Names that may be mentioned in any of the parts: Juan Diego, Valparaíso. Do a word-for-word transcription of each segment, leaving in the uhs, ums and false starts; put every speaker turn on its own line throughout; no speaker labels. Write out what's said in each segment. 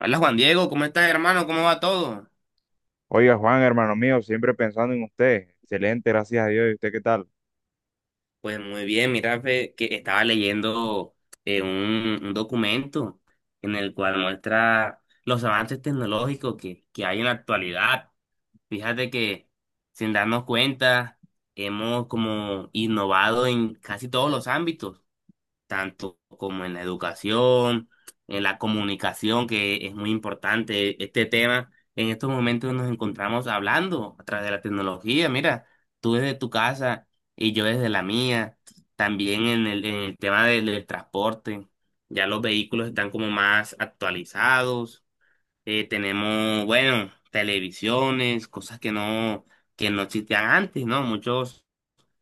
Hola Juan Diego, ¿cómo estás hermano? ¿Cómo va todo?
Oiga, Juan, hermano mío, siempre pensando en usted. Excelente, gracias a Dios. ¿Y usted qué tal?
Pues muy bien, mira, fe, que estaba leyendo eh, un, un documento en el cual muestra los avances tecnológicos que, que hay en la actualidad. Fíjate que sin darnos cuenta hemos como innovado en casi todos los ámbitos, tanto como en la educación, en la comunicación, que es muy importante este tema. En estos momentos nos encontramos hablando a través de la tecnología. Mira, tú desde tu casa y yo desde la mía. También en el, en el tema del, del transporte, ya los vehículos están como más actualizados. Eh, tenemos, bueno, televisiones, cosas que no, que no existían antes, ¿no? Muchos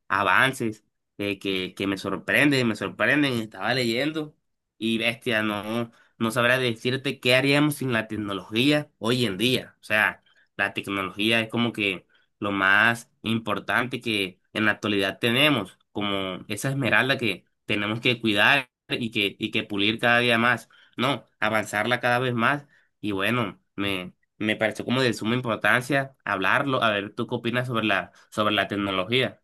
avances que, que, que me sorprenden, me sorprenden. Estaba leyendo y bestia, no, no sabría decirte qué haríamos sin la tecnología hoy en día. O sea, la tecnología es como que lo más importante que en la actualidad tenemos, como esa esmeralda que tenemos que cuidar y que, y que pulir cada día más. No, avanzarla cada vez más. Y bueno, me, me pareció como de suma importancia hablarlo. A ver, ¿tú qué opinas sobre la, sobre la tecnología?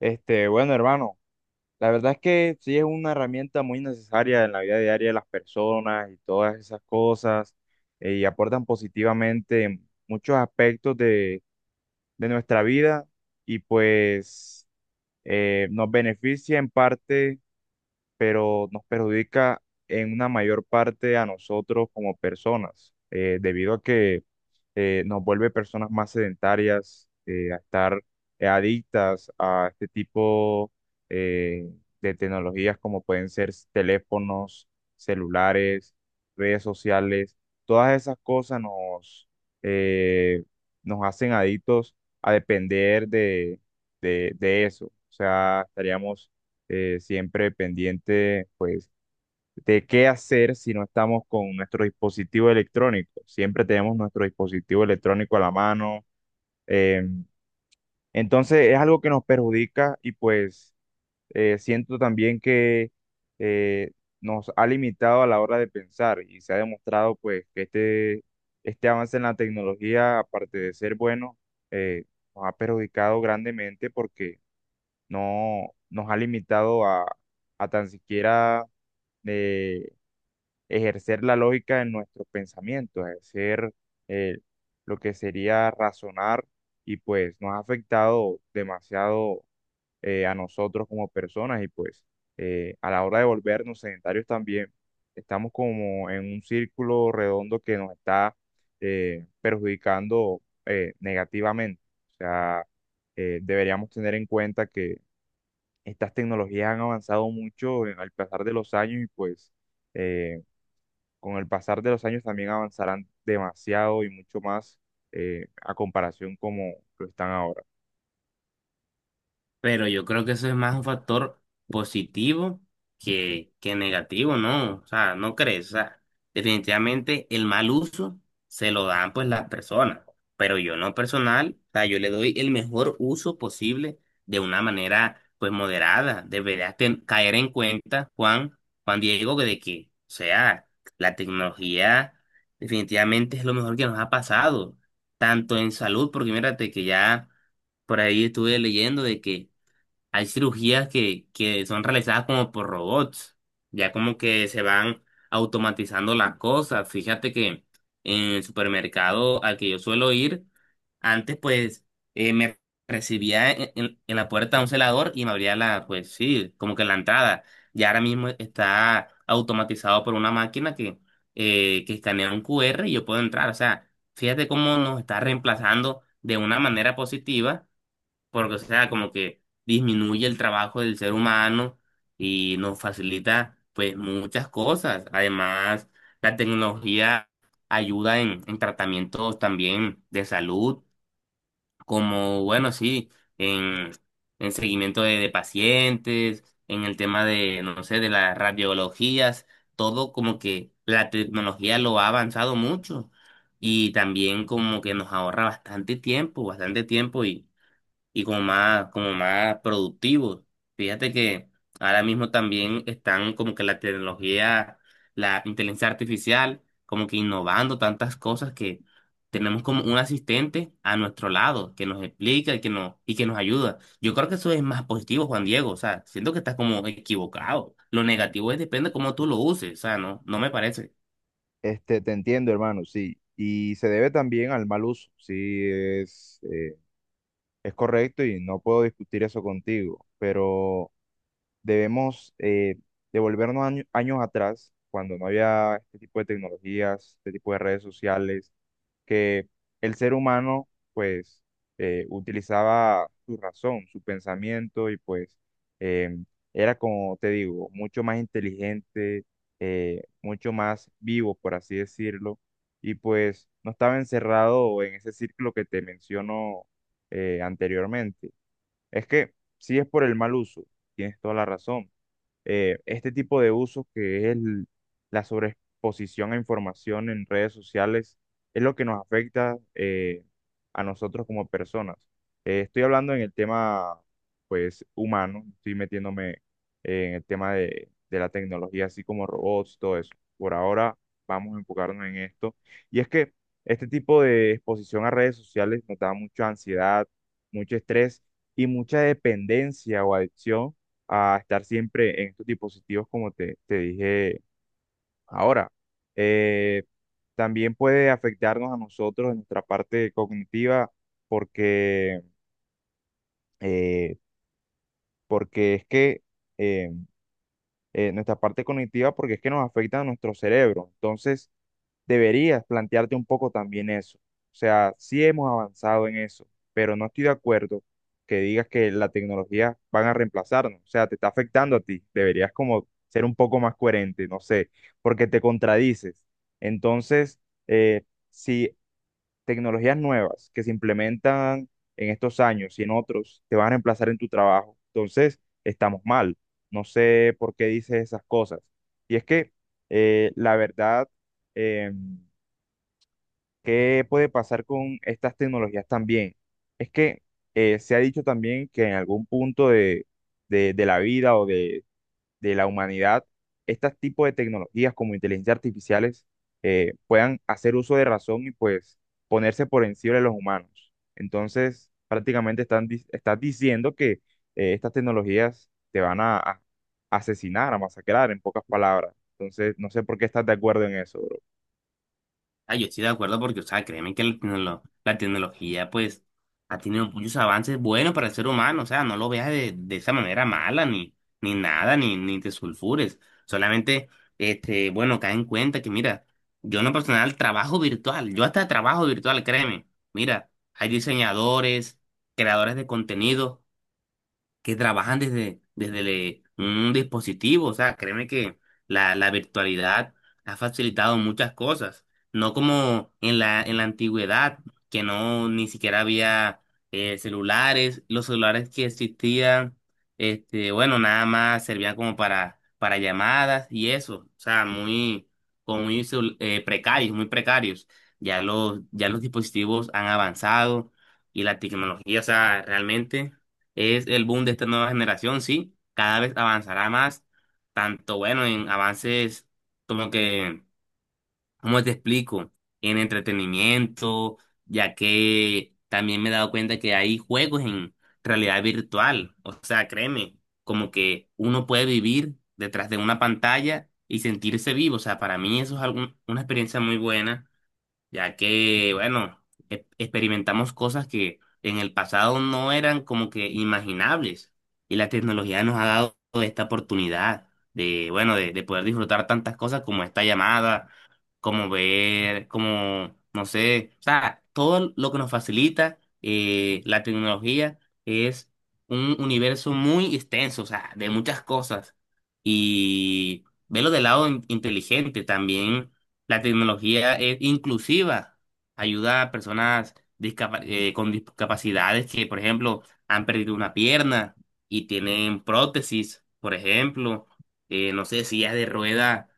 Este, bueno, hermano, la verdad es que sí es una herramienta muy necesaria en la vida diaria de las personas y todas esas cosas, eh, y aportan positivamente en muchos aspectos de, de nuestra vida y pues eh, nos beneficia en parte, pero nos perjudica en una mayor parte a nosotros como personas, eh, debido a que eh, nos vuelve personas más sedentarias, eh, a estar eh, adictas a este tipo eh, de tecnologías como pueden ser s- teléfonos, celulares, redes sociales. Todas esas cosas nos, eh, nos hacen adictos a depender de, de, de eso. O sea, estaríamos eh, siempre pendientes de qué hacer si no estamos con nuestro dispositivo electrónico. Siempre tenemos nuestro dispositivo electrónico a la mano. eh, entonces es algo que nos perjudica y pues eh, siento también que eh, nos ha limitado a la hora de pensar y se ha demostrado pues que este, este avance en la tecnología, aparte de ser bueno, eh, nos ha perjudicado grandemente porque no nos ha limitado a, a tan siquiera... eh, ejercer la lógica en nuestros pensamientos, ejercer eh, lo que sería razonar y pues nos ha afectado demasiado eh, a nosotros como personas y pues eh, a la hora de volvernos sedentarios también estamos como en un círculo redondo que nos está eh, perjudicando eh, negativamente. O sea, eh, deberíamos tener en cuenta que estas tecnologías han avanzado mucho en- al pasar de los años y pues... eh, con el pasar de los años también avanzarán demasiado y mucho más eh, a comparación como lo están ahora.
Pero yo creo que eso es más un factor positivo que, que negativo, ¿no? O sea, ¿no crees? O sea, definitivamente el mal uso se lo dan pues las personas, pero yo no personal, o sea, yo le doy el mejor uso posible de una manera pues moderada. Deberías ten- caer en cuenta, Juan, Juan Diego, que de que, o sea, la tecnología definitivamente es lo mejor que nos ha pasado, tanto en salud, porque mírate que ya por ahí estuve leyendo de que hay cirugías que, que son realizadas como por robots, ya como que se van automatizando las cosas. Fíjate que en el supermercado al que yo suelo ir, antes pues eh, me recibía en, en- en la puerta un celador y me abría la, pues sí, como que la entrada. Ya ahora mismo está automatizado por una máquina que, eh, que escanea un Q R y yo puedo entrar. O sea, fíjate cómo nos está reemplazando de una manera positiva porque, o sea, como que disminuye el trabajo del ser humano y nos facilita, pues, muchas cosas. Además, la tecnología ayuda en, en tratamientos también de salud, como, bueno, sí, en, en seguimiento de, de pacientes, en el tema de, no sé, de las radiologías, todo como que la tecnología lo ha avanzado mucho y también como que nos ahorra bastante tiempo, bastante tiempo y y como más, como más productivos. Fíjate que ahora mismo también están como que la tecnología, la inteligencia artificial, como que innovando tantas cosas que tenemos como un asistente a nuestro lado que nos explica y que nos, y que nos ayuda. Yo creo que eso es más positivo, Juan Diego. O sea, siento que estás como equivocado. Lo negativo es depende de cómo tú lo uses. O sea, no, no me parece.
Este, te entiendo, hermano, sí. Y se debe también al mal uso, sí, es, eh, es correcto y no puedo discutir eso contigo, pero... debemos eh, devolvernos año- años atrás, cuando no había este tipo de tecnologías, este tipo de redes sociales, que el ser humano pues eh, utilizaba su razón, su pensamiento y pues eh, era como te digo, mucho más inteligente, eh, mucho más vivo, por así decirlo, y pues no estaba encerrado en ese círculo que te menciono eh, anteriormente. Es que si es por el mal uso, tienes toda la razón. Eh, este tipo de usos que es el- la sobreexposición a información en redes sociales es lo que nos afecta, eh, a nosotros como personas. Eh, estoy hablando en el tema, pues, humano, estoy metiéndome en el tema de, de la tecnología, así como robots, todo eso. Por ahora vamos a enfocarnos en esto. Y es que este tipo de exposición a redes sociales nos da mucha ansiedad, mucho estrés y mucha dependencia o adicción a estar siempre en estos dispositivos, como te, te dije ahora. Eh, también puede afectarnos a nosotros en nuestra parte cognitiva porque, eh, porque es que eh, eh, nuestra parte cognitiva porque es que nos afecta a nuestro cerebro. Entonces, deberías plantearte un poco también eso. O sea, sí hemos avanzado en eso, pero no estoy de acuerdo que digas que la tecnología van a reemplazarnos. O sea, te está afectando a ti. Deberías como ser un poco más coherente, no sé, porque te contradices. Entonces, eh, si tecnologías nuevas que se implementan en estos años y en otros te van a reemplazar en tu trabajo, entonces estamos mal. No sé por qué dices esas cosas. Y es que eh, la verdad, em, ¿qué puede pasar con estas tecnologías también? Es que eh, se ha dicho también que en algún punto de, de- de la vida o de, de la humanidad, estos tipos de tecnologías como inteligencia artificiales eh, puedan hacer uso de razón y pues ponerse por encima de los humanos. Entonces, prácticamente están, di- estás diciendo que eh, estas tecnologías te van a, a asesinar, a masacrar, en pocas palabras. Entonces, no sé por qué estás de acuerdo en eso.
Ah, yo estoy de acuerdo porque, o sea, créeme que la, tecnolo- la tecnología, pues, ha tenido muchos avances buenos para el ser humano, o sea, no lo veas de, de esa manera mala, ni, ni nada, ni, ni te sulfures. Solamente, este, bueno, cae en cuenta que, mira, yo en lo personal trabajo virtual, yo hasta trabajo virtual, créeme. Mira, hay diseñadores, creadores de contenido, que trabajan desde, desde le- un dispositivo. O sea, créeme que la, la virtualidad ha facilitado muchas cosas. No como en la, en la antigüedad, que no ni siquiera había eh, celulares. Los celulares que existían, este, bueno, nada más servían como para, para llamadas y eso. O sea, muy, como muy celu- eh, precarios, muy precarios. Ya los, ya los dispositivos han avanzado y la tecnología, o sea, realmente. Es el boom de esta nueva generación, sí. Cada vez avanzará más, tanto bueno en avances como que, ¿cómo te explico? En entretenimiento, ya que también me he dado cuenta que hay juegos en realidad virtual. O sea, créeme, como que uno puede vivir detrás de una pantalla y sentirse vivo. O sea, para mí eso es algún- una experiencia muy buena ya que, bueno, e- experimentamos cosas que en el pasado no eran como que imaginables y la tecnología nos ha dado esta oportunidad de, bueno, de, de poder disfrutar tantas cosas como esta llamada, como ver, como, no sé, o sea, todo lo que nos facilita eh, la tecnología es un universo muy extenso, o sea, de muchas cosas y verlo del lado in- inteligente también. La tecnología es inclusiva, ayuda a personas discapa- eh, con discapacidades que, por ejemplo, han perdido una pierna y tienen prótesis, por ejemplo, eh, no sé, sillas de rueda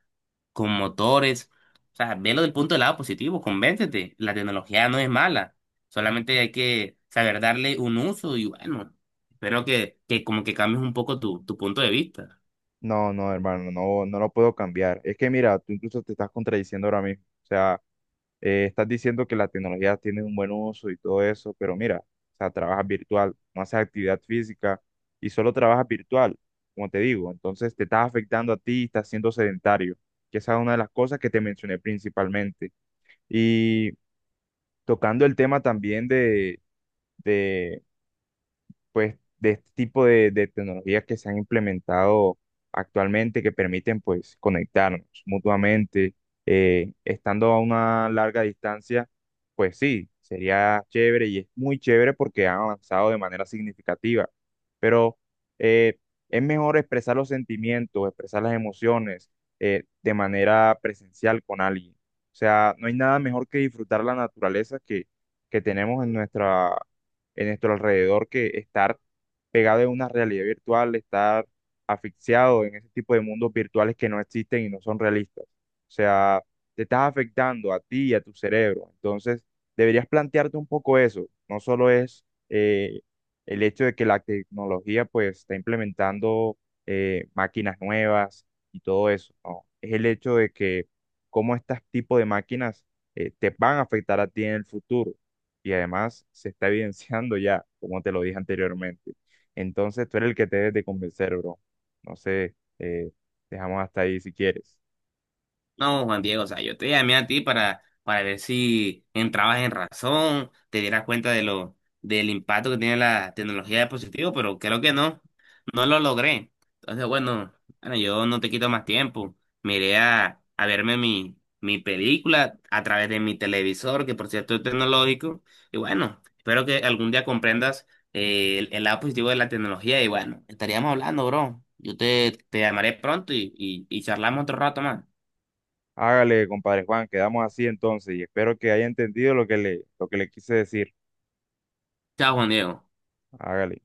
con motores. O sea, velo del punto del lado positivo, convéncete, la tecnología no es mala, solamente hay que saber darle un uso y bueno, espero que, que como que cambies un poco tu, tu punto de vista.
No, no, hermano, no, no lo puedo cambiar. Es que mira, tú incluso te estás contradiciendo ahora mismo. O sea, eh, estás diciendo que la tecnología tiene un buen uso y todo eso, pero mira, o sea, trabajas virtual, no haces actividad física y solo trabajas virtual, como te digo. Entonces te estás afectando a ti y estás siendo sedentario, que esa es una de las cosas que te mencioné principalmente. Y tocando el tema también de, pues, de este tipo de, de tecnologías que se han implementado actualmente que permiten, pues, conectarnos mutuamente, eh, estando a una larga distancia, pues sí, sería chévere y es muy chévere porque han avanzado de manera significativa, pero eh, es mejor expresar los sentimientos, expresar las emociones eh, de manera presencial con alguien. O sea, no hay nada mejor que disfrutar la naturaleza que, que tenemos en nuestra, en nuestro alrededor que estar pegado en una realidad virtual, estar asfixiado en ese tipo de mundos virtuales que no existen y no son realistas. O sea, te estás afectando a ti y a tu cerebro. Entonces, deberías plantearte un poco eso. No solo es eh, el hecho de que la tecnología pues está implementando eh, máquinas nuevas y todo eso, ¿no? Es el hecho de que cómo estos tipo de máquinas eh, te van a afectar a ti en el futuro y además se está evidenciando ya, como te lo dije anteriormente. Entonces tú eres el que te debes de convencer, bro. No sé, eh, dejamos hasta ahí si quieres.
No, Juan Diego, o sea, yo te llamé a ti para, para ver si entrabas en razón, te dieras cuenta de lo, del impacto que tiene la tecnología de dispositivos, pero creo que no, no lo logré. Entonces, bueno, bueno, yo no te quito más tiempo. Me iré a, a verme mi, mi película a través de mi televisor, que por cierto es tecnológico. Y bueno, espero que algún día comprendas eh, el, el lado positivo de la tecnología. Y bueno, estaríamos hablando, bro. Yo te, te llamaré pronto y, y, y charlamos otro rato más.
Hágale, compadre Juan, quedamos así entonces y espero que haya entendido lo que le, lo que le quise decir.
Chao, Juan Diego.
Hágale.